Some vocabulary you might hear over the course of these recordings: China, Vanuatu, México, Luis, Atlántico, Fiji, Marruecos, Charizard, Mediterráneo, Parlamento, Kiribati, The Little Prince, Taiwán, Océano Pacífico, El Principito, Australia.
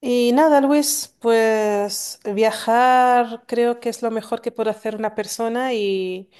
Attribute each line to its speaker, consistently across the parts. Speaker 1: Y nada, Luis, pues viajar creo que es lo mejor que puede hacer una persona y,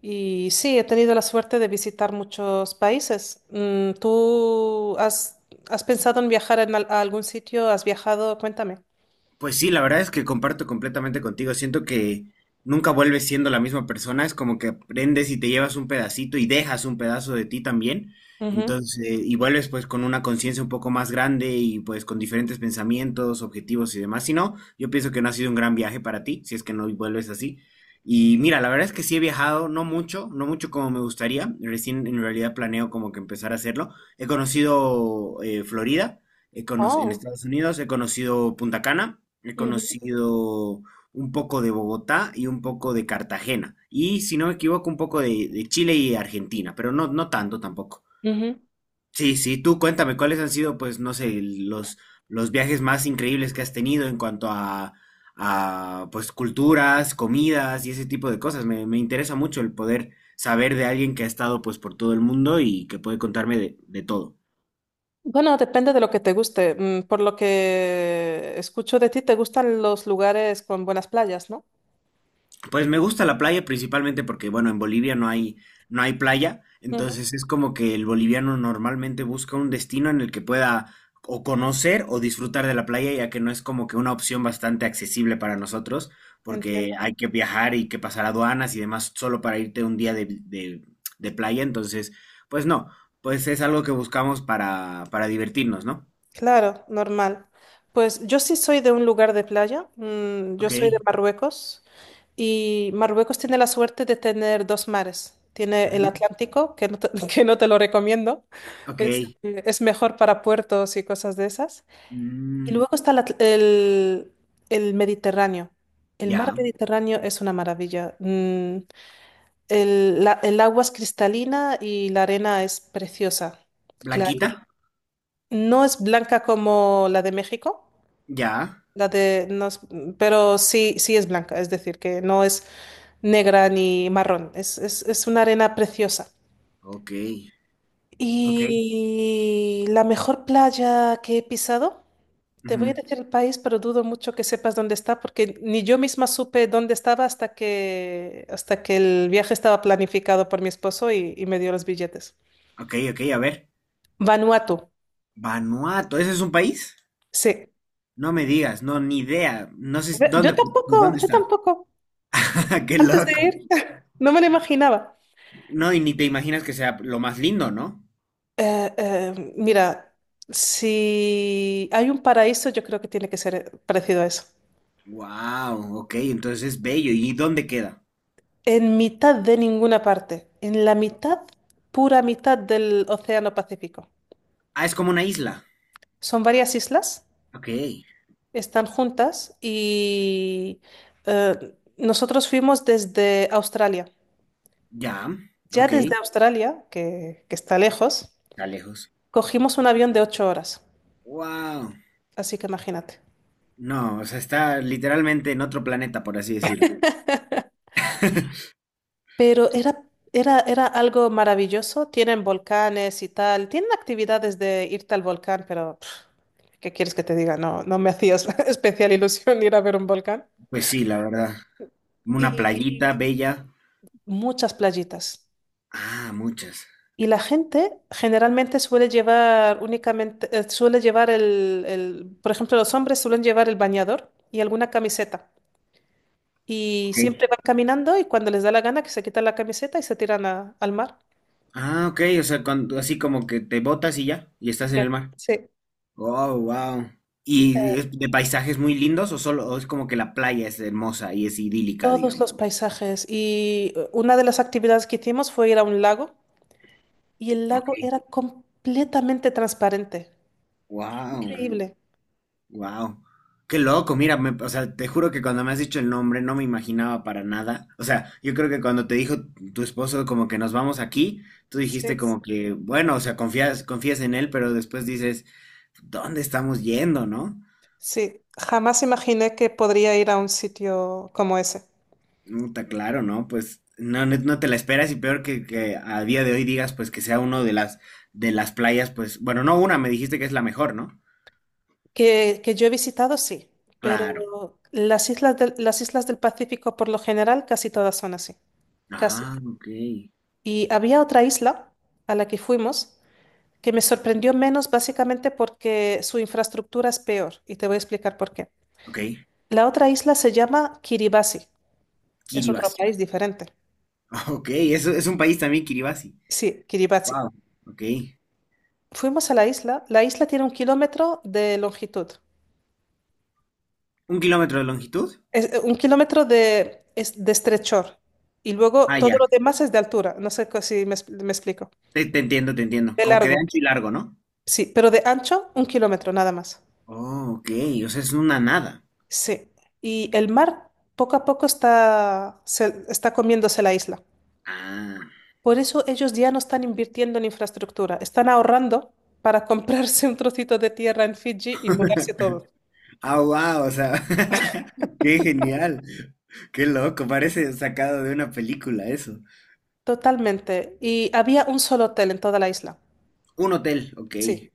Speaker 1: y sí, he tenido la suerte de visitar muchos países. ¿Tú has pensado en viajar a algún sitio? ¿Has viajado? Cuéntame.
Speaker 2: Pues sí, la verdad es que comparto completamente contigo. Siento que nunca vuelves siendo la misma persona. Es como que aprendes y te llevas un pedacito y dejas un pedazo de ti también.
Speaker 1: Ujú.
Speaker 2: Entonces, y vuelves pues con una conciencia un poco más grande y pues con diferentes pensamientos, objetivos y demás. Si no, yo pienso que no ha sido un gran viaje para ti, si es que no vuelves así. Y mira, la verdad es que sí he viajado, no mucho, no mucho como me gustaría. Recién en realidad planeo como que empezar a hacerlo. He conocido Florida. En
Speaker 1: Oh.
Speaker 2: Estados Unidos he conocido Punta Cana, he
Speaker 1: Ujú.
Speaker 2: conocido un poco de Bogotá y un poco de Cartagena. Y si no me equivoco, un poco de Chile y Argentina, pero no, no tanto tampoco.
Speaker 1: Ujú.
Speaker 2: Sí, sí, tú cuéntame cuáles han sido, pues, no sé, los viajes más increíbles que has tenido en cuanto a, pues, culturas, comidas y ese tipo de cosas. Me interesa mucho el poder saber de alguien que ha estado, pues, por todo el mundo y que puede contarme de todo.
Speaker 1: Bueno, depende de lo que te guste. Por lo que escucho de ti, te gustan los lugares con buenas playas, ¿no?
Speaker 2: Pues me gusta la playa principalmente porque, bueno, en Bolivia no hay playa,
Speaker 1: Ujú.
Speaker 2: entonces es como que el boliviano normalmente busca un destino en el que pueda o conocer o disfrutar de la playa, ya que no es como que una opción bastante accesible para nosotros, porque
Speaker 1: Entiendo.
Speaker 2: hay que viajar y que pasar aduanas y demás solo para irte un día de playa, entonces, pues no, pues es algo que buscamos para divertirnos, ¿no?
Speaker 1: Claro, normal. Pues yo sí soy de un lugar de playa, yo
Speaker 2: Ok,
Speaker 1: soy de Marruecos y Marruecos tiene la suerte de tener dos mares. Tiene el
Speaker 2: ujú,
Speaker 1: Atlántico, que no que no te lo recomiendo,
Speaker 2: ok,
Speaker 1: es mejor para puertos y cosas de esas. Y
Speaker 2: mm,
Speaker 1: luego está el el Mediterráneo. El mar
Speaker 2: ya,
Speaker 1: Mediterráneo es una maravilla. El agua es cristalina y la arena es preciosa,
Speaker 2: Blanquita,
Speaker 1: clarita. No es blanca como la de México
Speaker 2: ya,
Speaker 1: la de, no es- pero sí, sí es blanca, es decir, que no es negra ni marrón, es una arena preciosa.
Speaker 2: ok. Ok,
Speaker 1: Y la mejor playa que he pisado, te voy a
Speaker 2: ujú,
Speaker 1: decir el país, pero dudo mucho que sepas dónde está, porque ni yo misma supe dónde estaba hasta que el viaje estaba planificado por mi esposo y me dio los billetes.
Speaker 2: ok, ok, a ver.
Speaker 1: Vanuatu,
Speaker 2: Vanuatu, ¿ese es un país?
Speaker 1: sí.
Speaker 2: No me digas, no, ni idea. No sé
Speaker 1: Yo
Speaker 2: de
Speaker 1: tampoco,
Speaker 2: dónde
Speaker 1: yo
Speaker 2: está.
Speaker 1: tampoco,
Speaker 2: Qué
Speaker 1: antes de
Speaker 2: loco.
Speaker 1: ir, no me lo imaginaba.
Speaker 2: No, y ni te imaginas que sea lo más lindo, ¿no?
Speaker 1: Mira, si hay un paraíso, yo creo que tiene que ser parecido a eso.
Speaker 2: Wow, ok, entonces es bello. ¿Y dónde queda?
Speaker 1: En mitad de ninguna parte, en la mitad, pura mitad del Océano Pacífico.
Speaker 2: Ah, es como una isla.
Speaker 1: Son varias islas,
Speaker 2: Ok,
Speaker 1: están juntas y eh, nosotros fuimos desde Australia.
Speaker 2: ya,
Speaker 1: Ya
Speaker 2: ok,
Speaker 1: desde Australia, que está lejos,
Speaker 2: está lejos.
Speaker 1: cogimos un avión de ocho horas.
Speaker 2: Wow,
Speaker 1: Así que imagínate.
Speaker 2: no, o sea, está literalmente en otro planeta, por así decirlo.
Speaker 1: Pero era algo maravilloso. Tienen volcanes y tal. Tienen actividades de irte al volcán, pero pff, ¿qué quieres que te diga? No, no me hacías especial ilusión ir a ver un volcán.
Speaker 2: Pues sí, la verdad. Una
Speaker 1: Y
Speaker 2: playita bella.
Speaker 1: muchas playitas.
Speaker 2: Ah, muchas.
Speaker 1: Y la gente generalmente suele llevar únicamente, suele llevar por ejemplo, los hombres suelen llevar el bañador y alguna camiseta. Y
Speaker 2: Ok.
Speaker 1: siempre van caminando y cuando les da la gana que se quitan la camiseta y se tiran al mar.
Speaker 2: Ah, ok, o sea, así como que te botas y ya, y estás en
Speaker 1: Ya.
Speaker 2: el mar.
Speaker 1: Sí.
Speaker 2: Oh, wow. ¿Y es de paisajes muy lindos o solo o es como que la playa es hermosa y es idílica,
Speaker 1: Todos
Speaker 2: digamos?
Speaker 1: los paisajes. Y una de las actividades que hicimos fue ir a un lago y el lago
Speaker 2: Ok.
Speaker 1: era completamente transparente.
Speaker 2: Wow,
Speaker 1: Increíble.
Speaker 2: wow. Qué loco, mira, o sea, te juro que cuando me has dicho el nombre no me imaginaba para nada. O sea, yo creo que cuando te dijo tu esposo como que nos vamos aquí, tú
Speaker 1: Sí,
Speaker 2: dijiste como que, bueno, o sea, confías en él, pero después dices, ¿dónde estamos yendo, no?
Speaker 1: sí. Jamás imaginé que podría ir a un sitio como ese.
Speaker 2: Está claro, ¿no? Pues no, no, no te la esperas y peor que a día de hoy digas pues que sea uno de las playas, pues, bueno, no una, me dijiste que es la mejor, ¿no?
Speaker 1: Que yo he visitado, sí, pero
Speaker 2: Claro.
Speaker 1: las islas del Pacífico por lo general casi todas son así. Casi.
Speaker 2: Ah, ok.
Speaker 1: Y había otra isla a la que fuimos que me sorprendió menos básicamente porque su infraestructura es peor y te voy a explicar por qué.
Speaker 2: Ok.
Speaker 1: La otra isla se llama Kiribati. Es otro
Speaker 2: Kiribati.
Speaker 1: país diferente.
Speaker 2: Ok, eso es un país también, Kiribati.
Speaker 1: Sí, Kiribati.
Speaker 2: Wow. Ok.
Speaker 1: Fuimos a la isla. La isla tiene un kilómetro de longitud.
Speaker 2: ¿Un kilómetro de longitud?
Speaker 1: Un kilómetro de estrechor. Y luego
Speaker 2: Ah,
Speaker 1: todo
Speaker 2: ya.
Speaker 1: lo demás es de altura. No sé si me explico.
Speaker 2: Te entiendo, te entiendo.
Speaker 1: De
Speaker 2: Como que de
Speaker 1: largo.
Speaker 2: ancho y largo, ¿no?
Speaker 1: Sí, pero de ancho, un kilómetro nada más.
Speaker 2: Oh, ok. O sea, es una nada.
Speaker 1: Sí. Y el mar poco a poco está comiéndose la isla.
Speaker 2: Ah.
Speaker 1: Por eso ellos ya no están invirtiendo en infraestructura, están ahorrando para comprarse un trocito de tierra en Fiji y mudarse todo.
Speaker 2: Ah, wow, o sea, qué genial, qué loco, parece sacado de una película eso.
Speaker 1: Totalmente. Y había un solo hotel en toda la isla.
Speaker 2: Un hotel, ok,
Speaker 1: Sí.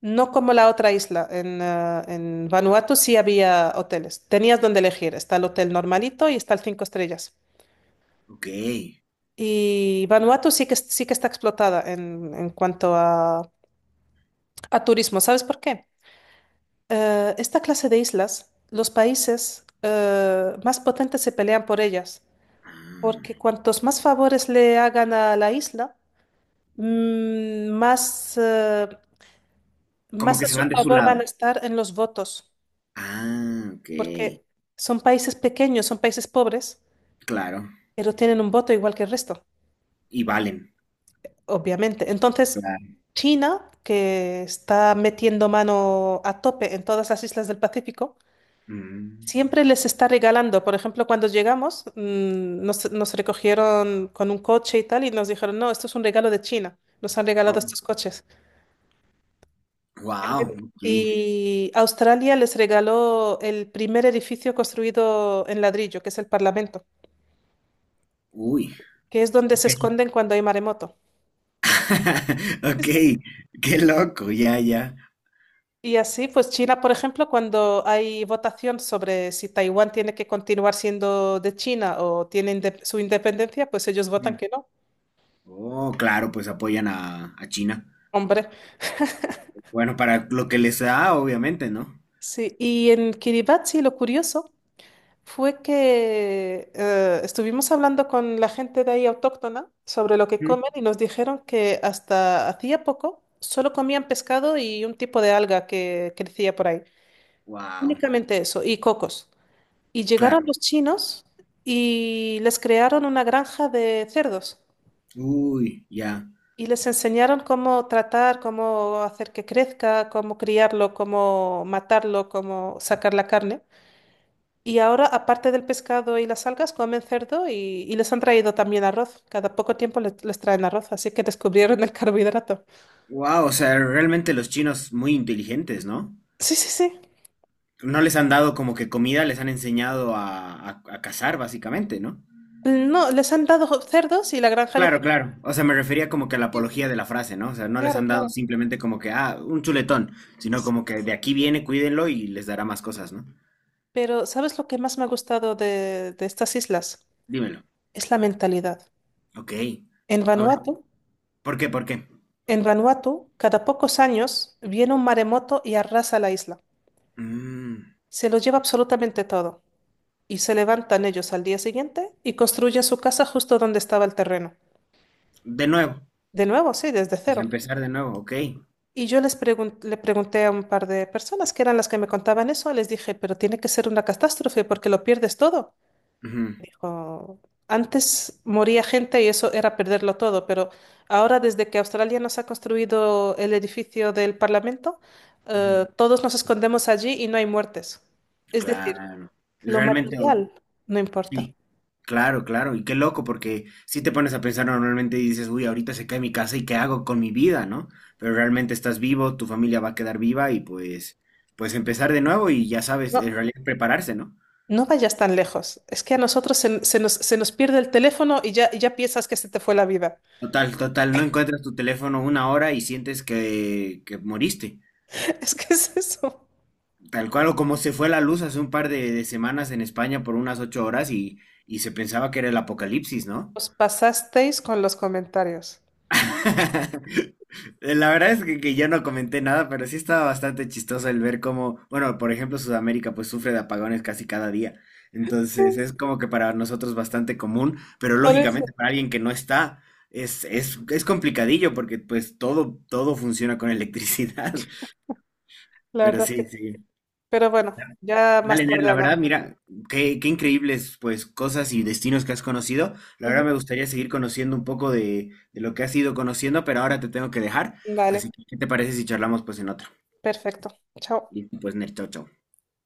Speaker 1: No como la otra isla. En Vanuatu sí había hoteles. Tenías donde elegir. Está el hotel normalito y está el cinco estrellas.
Speaker 2: ok.
Speaker 1: Y Vanuatu sí sí que está explotada en cuanto a turismo. ¿Sabes por qué? Esta clase de islas, los países más potentes se pelean por ellas,
Speaker 2: Ah,
Speaker 1: porque cuantos más favores le hagan a la isla, mm, más, eh,
Speaker 2: como
Speaker 1: más
Speaker 2: que
Speaker 1: a
Speaker 2: se
Speaker 1: su
Speaker 2: van de su
Speaker 1: favor van a
Speaker 2: lado.
Speaker 1: estar en los votos,
Speaker 2: Ah, ok,
Speaker 1: porque son países pequeños, son países pobres,
Speaker 2: claro,
Speaker 1: pero tienen un voto igual que el resto,
Speaker 2: y valen,
Speaker 1: obviamente. Entonces,
Speaker 2: claro.
Speaker 1: China, que está metiendo mano a tope en todas las islas del Pacífico,
Speaker 2: Mm.
Speaker 1: siempre les está regalando. Por ejemplo, cuando llegamos, nos recogieron con un coche y tal, y nos dijeron, no, esto es un regalo de China. Nos han regalado
Speaker 2: Oh,
Speaker 1: estos coches.
Speaker 2: wow, ok,
Speaker 1: Y Australia les regaló el primer edificio construido en ladrillo, que es el Parlamento,
Speaker 2: uy,
Speaker 1: que es donde se
Speaker 2: ok,
Speaker 1: esconden cuando hay maremoto.
Speaker 2: ok,
Speaker 1: Sí, sí.
Speaker 2: qué loco, ya, ya.
Speaker 1: Y así, pues China, por ejemplo, cuando hay votación sobre si Taiwán tiene que continuar siendo de China o tiene su independencia, pues ellos votan
Speaker 2: Mm.
Speaker 1: que no.
Speaker 2: Oh, claro, pues apoyan a China.
Speaker 1: Hombre.
Speaker 2: Bueno, para lo que les da, obviamente, ¿no?
Speaker 1: Sí, y en Kiribati lo curioso fue que estuvimos hablando con la gente de ahí autóctona sobre lo que comen y nos dijeron que hasta hacía poco solo comían pescado y un tipo de alga que crecía por ahí.
Speaker 2: Wow,
Speaker 1: Únicamente eso, y cocos. Y llegaron
Speaker 2: claro.
Speaker 1: los chinos y les crearon una granja de cerdos
Speaker 2: Uy, ya.
Speaker 1: y les enseñaron cómo tratar, cómo hacer que crezca, cómo criarlo, cómo matarlo, cómo sacar la carne. Y ahora, aparte del pescado y las algas, comen cerdo y les han traído también arroz. Cada poco tiempo les traen arroz, así que descubrieron el carbohidrato.
Speaker 2: Wow, o sea, realmente los chinos muy inteligentes, ¿no?
Speaker 1: Sí, sí, sí.
Speaker 2: No les han dado como que comida, les han enseñado a cazar, básicamente, ¿no?
Speaker 1: No, les han dado cerdos y la granja de
Speaker 2: Claro,
Speaker 1: cerdos.
Speaker 2: claro. O sea, me refería como que a la
Speaker 1: Sí,
Speaker 2: apología de la frase, ¿no? O sea, no les
Speaker 1: claro,
Speaker 2: han dado
Speaker 1: claro.
Speaker 2: simplemente como que, ah, un chuletón, sino
Speaker 1: Sí.
Speaker 2: como que de aquí viene, cuídenlo y les dará más cosas, ¿no?
Speaker 1: Pero ¿sabes lo que más me ha gustado de estas islas?
Speaker 2: Dímelo.
Speaker 1: Es la mentalidad.
Speaker 2: Ok.
Speaker 1: En
Speaker 2: A ver,
Speaker 1: Vanuatu,
Speaker 2: ¿por qué? ¿Por qué?
Speaker 1: en Vanuatu, cada pocos años viene un maremoto y arrasa la isla.
Speaker 2: Mm,
Speaker 1: Se lo lleva absolutamente todo. Y se levantan ellos al día siguiente y construyen su casa justo donde estaba el terreno.
Speaker 2: de nuevo.
Speaker 1: De nuevo, sí, desde
Speaker 2: Pues
Speaker 1: cero.
Speaker 2: empezar de nuevo, ok.
Speaker 1: Y yo les le pregunté a un par de personas que eran las que me contaban eso, les dije, pero tiene que ser una catástrofe porque lo pierdes todo.
Speaker 2: Ujú,
Speaker 1: Dijo, antes moría gente y eso era perderlo todo, pero ahora desde que Australia nos ha construido el edificio del Parlamento,
Speaker 2: ujú.
Speaker 1: todos nos escondemos allí y no hay muertes. Es decir,
Speaker 2: Claro.
Speaker 1: lo
Speaker 2: Realmente,
Speaker 1: material no importa.
Speaker 2: sí, claro, claro, y qué loco, porque si te pones a pensar normalmente y dices, uy, ahorita se cae mi casa y qué hago con mi vida, ¿no? Pero realmente estás vivo, tu familia va a quedar viva y pues empezar de nuevo y ya sabes, en
Speaker 1: No,
Speaker 2: realidad prepararse, ¿no?
Speaker 1: no vayas tan lejos. Es que a nosotros se nos pierde el teléfono y ya piensas que se te fue la vida.
Speaker 2: Total, total, no encuentras tu teléfono una hora y sientes que moriste.
Speaker 1: Es que es eso.
Speaker 2: Tal cual o como se fue la luz hace un par de semanas en España por unas 8 horas y se pensaba que era el apocalipsis, ¿no?
Speaker 1: Os pasasteis con los comentarios.
Speaker 2: La verdad es que yo no comenté nada, pero sí estaba bastante chistoso el ver cómo, bueno, por ejemplo, Sudamérica pues sufre de apagones casi cada día. Entonces
Speaker 1: Sí,
Speaker 2: es como que para nosotros bastante común, pero
Speaker 1: por eso,
Speaker 2: lógicamente para alguien que no está es complicadillo porque pues todo, todo funciona con electricidad.
Speaker 1: la
Speaker 2: Pero
Speaker 1: verdad que...
Speaker 2: sí, sí.
Speaker 1: Pero bueno, ya
Speaker 2: Vale,
Speaker 1: más
Speaker 2: Ner,
Speaker 1: tarde
Speaker 2: la verdad,
Speaker 1: hablamos.
Speaker 2: mira, qué increíbles pues cosas y destinos que has conocido. La verdad
Speaker 1: Ujú.
Speaker 2: me gustaría seguir conociendo un poco de lo que has ido conociendo, pero ahora te tengo que dejar. Así
Speaker 1: Vale,
Speaker 2: que, ¿qué te parece si charlamos pues en otro?
Speaker 1: perfecto. Chao.
Speaker 2: Listo, pues Ner, chao, chao.